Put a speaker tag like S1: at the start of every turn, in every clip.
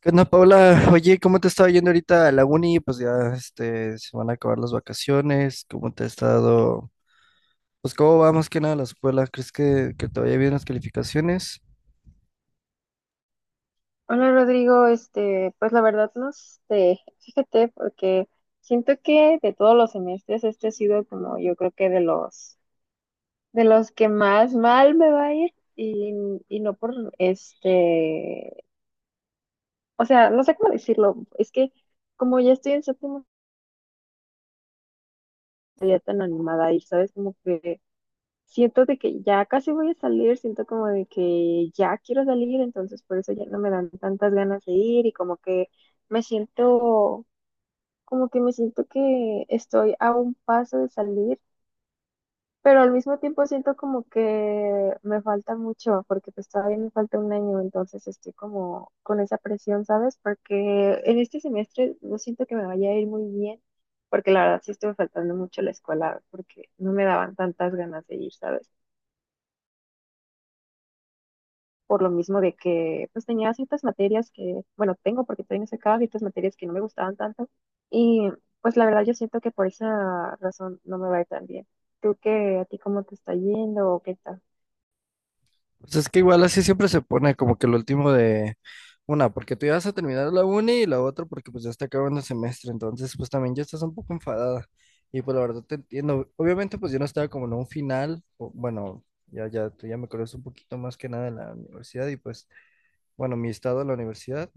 S1: ¿Qué onda, Paula? Oye, ¿cómo te estaba yendo ahorita a la uni? Pues ya se van a acabar las vacaciones. ¿Cómo te ha estado? Pues, ¿cómo va más que nada la escuela? ¿Crees que te vaya bien las calificaciones?
S2: Hola Rodrigo, pues la verdad no sé, fíjate, porque siento que de todos los semestres este ha sido como yo creo que de los que más mal me va a ir y no por este, o sea, no sé cómo decirlo, es que como ya estoy en séptimo ya tan animada y sabes como que siento de que ya casi voy a salir, siento como de que ya quiero salir, entonces por eso ya no me dan tantas ganas de ir y como que me siento como que me siento que estoy a un paso de salir, pero al mismo tiempo siento como que me falta mucho, porque pues todavía me falta un año, entonces estoy como con esa presión, ¿sabes? Porque en este semestre no siento que me vaya a ir muy bien, porque la verdad sí estuve faltando mucho a la escuela, porque no me daban tantas ganas de ir, ¿sabes? Por lo mismo de que pues tenía ciertas materias que, bueno, tengo porque todavía no he sacado ciertas materias que no me gustaban tanto y pues la verdad yo siento que por esa razón no me va a ir tan bien. ¿Tú qué, a ti cómo te está yendo o qué tal?
S1: Pues es que igual así siempre se pone como que lo último de una, porque tú ya vas a terminar la uni y la otra porque pues ya está acabando el semestre. Entonces, pues también ya estás un poco enfadada. Y pues la verdad te entiendo. Obviamente, pues yo no estaba como en un final. Bueno, ya, ya, tú ya me conoces un poquito más que nada en la universidad y pues, bueno, mi estado de la universidad.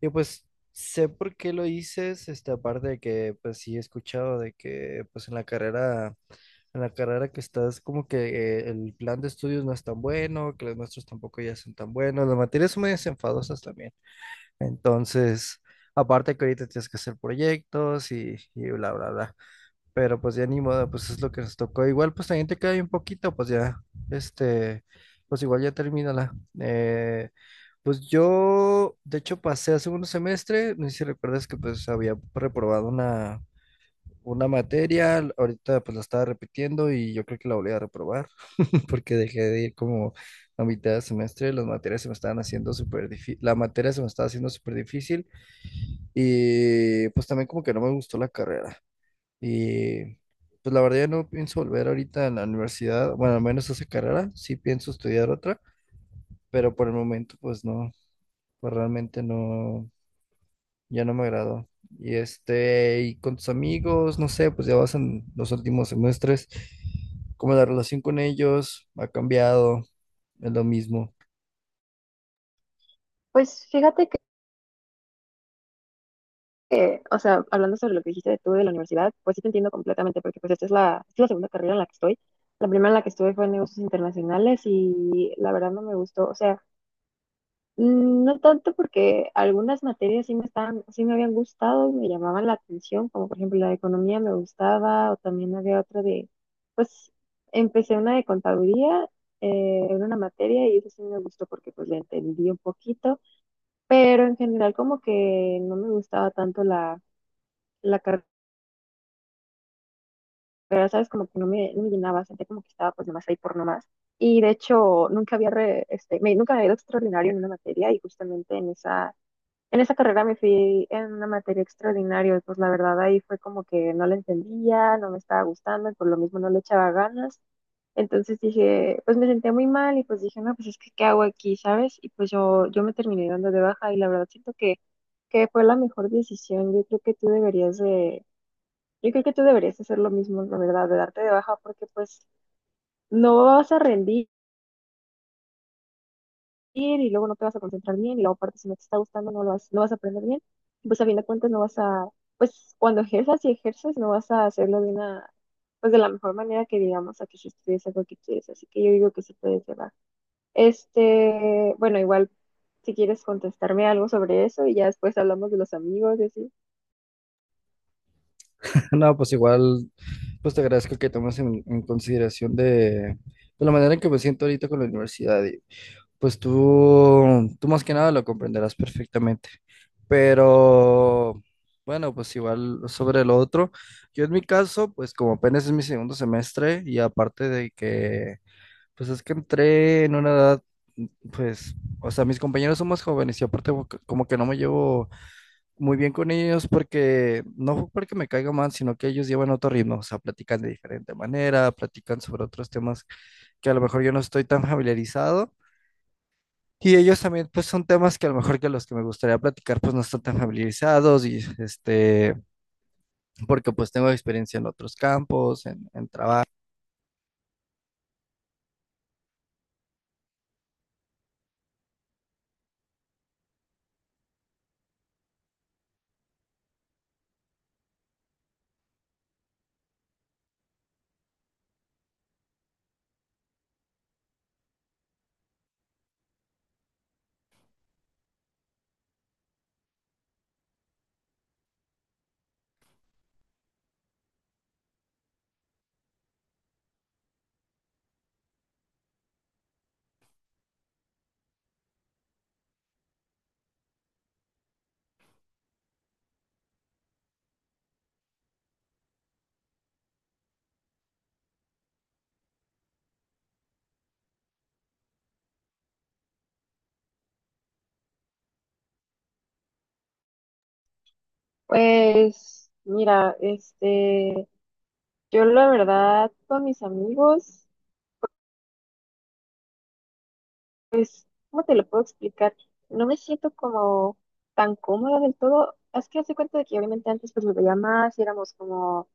S1: Y pues sé por qué lo hices, aparte de que pues sí he escuchado de que pues en la carrera que estás como que el plan de estudios no es tan bueno, que los nuestros tampoco ya son tan buenos, las materias son medio enfadosas también. Entonces, aparte que ahorita tienes que hacer proyectos y bla, bla, bla. Pero pues ya ni modo, pues es lo que nos tocó. Igual pues también te queda bien poquito, pues ya, este, pues igual ya termínala. Eh, pues yo, de hecho, pasé a segundo semestre, no sé si recuerdas que pues había reprobado una materia, ahorita pues la estaba repitiendo y yo creo que la volví a reprobar porque dejé de ir como a mitad de semestre, las materias se me estaban haciendo súper difícil, la materia se me estaba haciendo súper difícil y pues también como que no me gustó la carrera. Y pues la verdad ya no pienso volver ahorita a la universidad, bueno, al menos a esa carrera, sí pienso estudiar otra, pero por el momento pues no, pues realmente no, ya no me agradó. Y este, y con tus amigos, no sé, pues ya vas en los últimos semestres, como la relación con ellos ha cambiado, es lo mismo.
S2: Pues fíjate que, o sea, hablando sobre lo que dijiste de tú de la universidad, pues sí te entiendo completamente porque pues esta es es la segunda carrera en la que estoy. La primera en la que estuve fue en negocios internacionales y la verdad no me gustó, o sea, mm, no tanto porque algunas materias sí me habían gustado y me llamaban la atención, como por ejemplo la de economía me gustaba, o también había otra de, pues empecé una de contaduría, era una materia y eso sí me gustó porque pues la entendí un poquito, pero en general como que no me gustaba tanto la carrera, ¿sabes? Como que no me llenaba, sentía como que estaba pues nomás ahí por nomás. Y de hecho nunca había, re- este, me, nunca me había ido extraordinario en una materia y justamente en esa carrera me fui en una materia extraordinaria, y pues la verdad ahí fue como que no la entendía, no me estaba gustando y por lo mismo no le echaba ganas. Entonces dije, pues me senté muy mal y pues dije, no, pues es que ¿qué hago aquí, sabes? Y pues yo me terminé dando de baja y la verdad siento que fue la mejor decisión. Yo creo que tú deberías hacer lo mismo, la verdad, de darte de baja porque pues no vas a rendir bien y luego no te vas a concentrar bien y luego aparte si no te está gustando no vas a aprender bien. Y pues a fin de cuentas no vas a, pues cuando ejerzas y ejerces no vas a hacerlo de una, pues de la mejor manera que digamos a que si estudies algo que quieres. Así que yo digo que sí puedes llevar. Bueno, igual si quieres contestarme algo sobre eso y ya después hablamos de los amigos y así.
S1: No, pues igual, pues te agradezco que tomes en consideración de la manera en que me siento ahorita con la universidad. Pues tú más que nada lo comprenderás perfectamente. Pero bueno, pues igual sobre lo otro, yo en mi caso, pues como apenas es mi segundo semestre y aparte de que, pues es que entré en una edad, pues, o sea, mis compañeros son más jóvenes y aparte como que no me llevo muy bien con ellos porque no fue porque me caiga mal, sino que ellos llevan otro ritmo, o sea, platican de diferente manera, platican sobre otros temas que a lo mejor yo no estoy tan familiarizado. Y ellos también, pues son temas que a lo mejor que los que me gustaría platicar, pues no están tan familiarizados y porque pues tengo experiencia en otros campos, en trabajo.
S2: Pues mira, yo la verdad con mis amigos, pues, ¿cómo te lo puedo explicar? No me siento como tan cómoda del todo. Es que hace cuenta de que obviamente antes pues me veía más y éramos como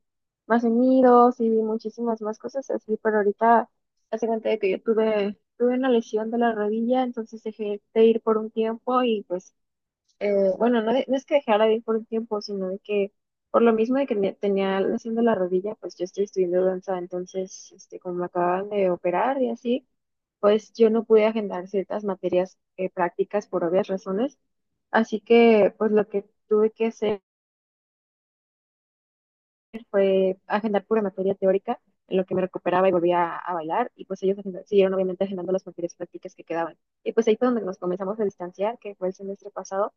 S2: más unidos y muchísimas más cosas así, pero ahorita hace cuenta de que yo tuve una lesión de la rodilla, entonces dejé de ir por un tiempo y pues bueno, no, no es que dejara de ir por un tiempo, sino de que por lo mismo de que tenía la lesión de la rodilla, pues yo estoy estudiando danza, entonces, como me acababan de operar y así, pues yo no pude agendar ciertas materias prácticas por obvias razones, así que pues lo que tuve que hacer fue agendar pura materia teórica, en lo que me recuperaba y volvía a bailar, y pues ellos siguieron obviamente agendando las materias prácticas que quedaban. Y pues ahí fue donde nos comenzamos a distanciar, que fue el semestre pasado.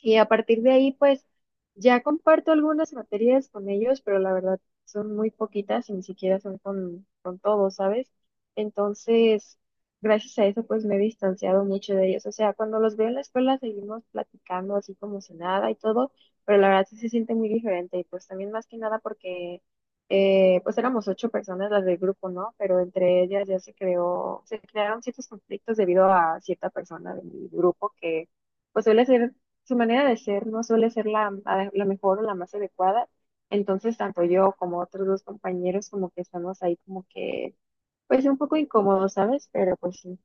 S2: Y a partir de ahí, pues ya comparto algunas materias con ellos, pero la verdad son muy poquitas y ni siquiera son con todos, ¿sabes? Entonces, gracias a eso, pues me he distanciado mucho de ellos. O sea, cuando los veo en la escuela seguimos platicando así como si nada y todo, pero la verdad sí se siente muy diferente. Y pues también más que nada porque, pues éramos 8 personas las del grupo, ¿no? Pero entre ellas ya se crearon ciertos conflictos debido a cierta persona de mi grupo que pues suele ser su manera de ser, no suele ser la mejor o la más adecuada. Entonces, tanto yo como otros dos compañeros como que estamos ahí como que, pues un poco incómodos, ¿sabes? Pero pues sí.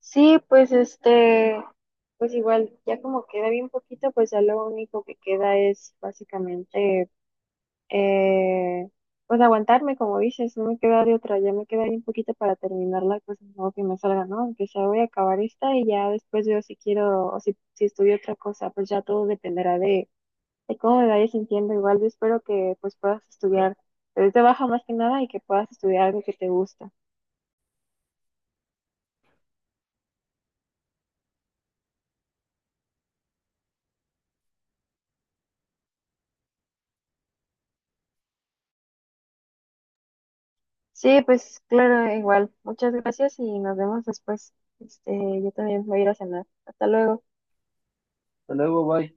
S2: Sí, pues pues igual, ya como queda bien poquito, pues ya lo único que queda es básicamente Eh, pues aguantarme, como dices, no me queda de otra, ya me queda ahí un poquito para terminarla, pues no que me salga, ¿no? Aunque sea voy a acabar esta y ya después veo si quiero o si, si estudio otra cosa, pues ya todo dependerá de cómo me vaya sintiendo. Igual yo espero que pues puedas estudiar desde baja más que nada y que puedas estudiar algo que te gusta. Sí, pues claro, igual. Muchas gracias y nos vemos después. Este, yo también voy a ir a cenar. Hasta luego. Hasta luego, bye.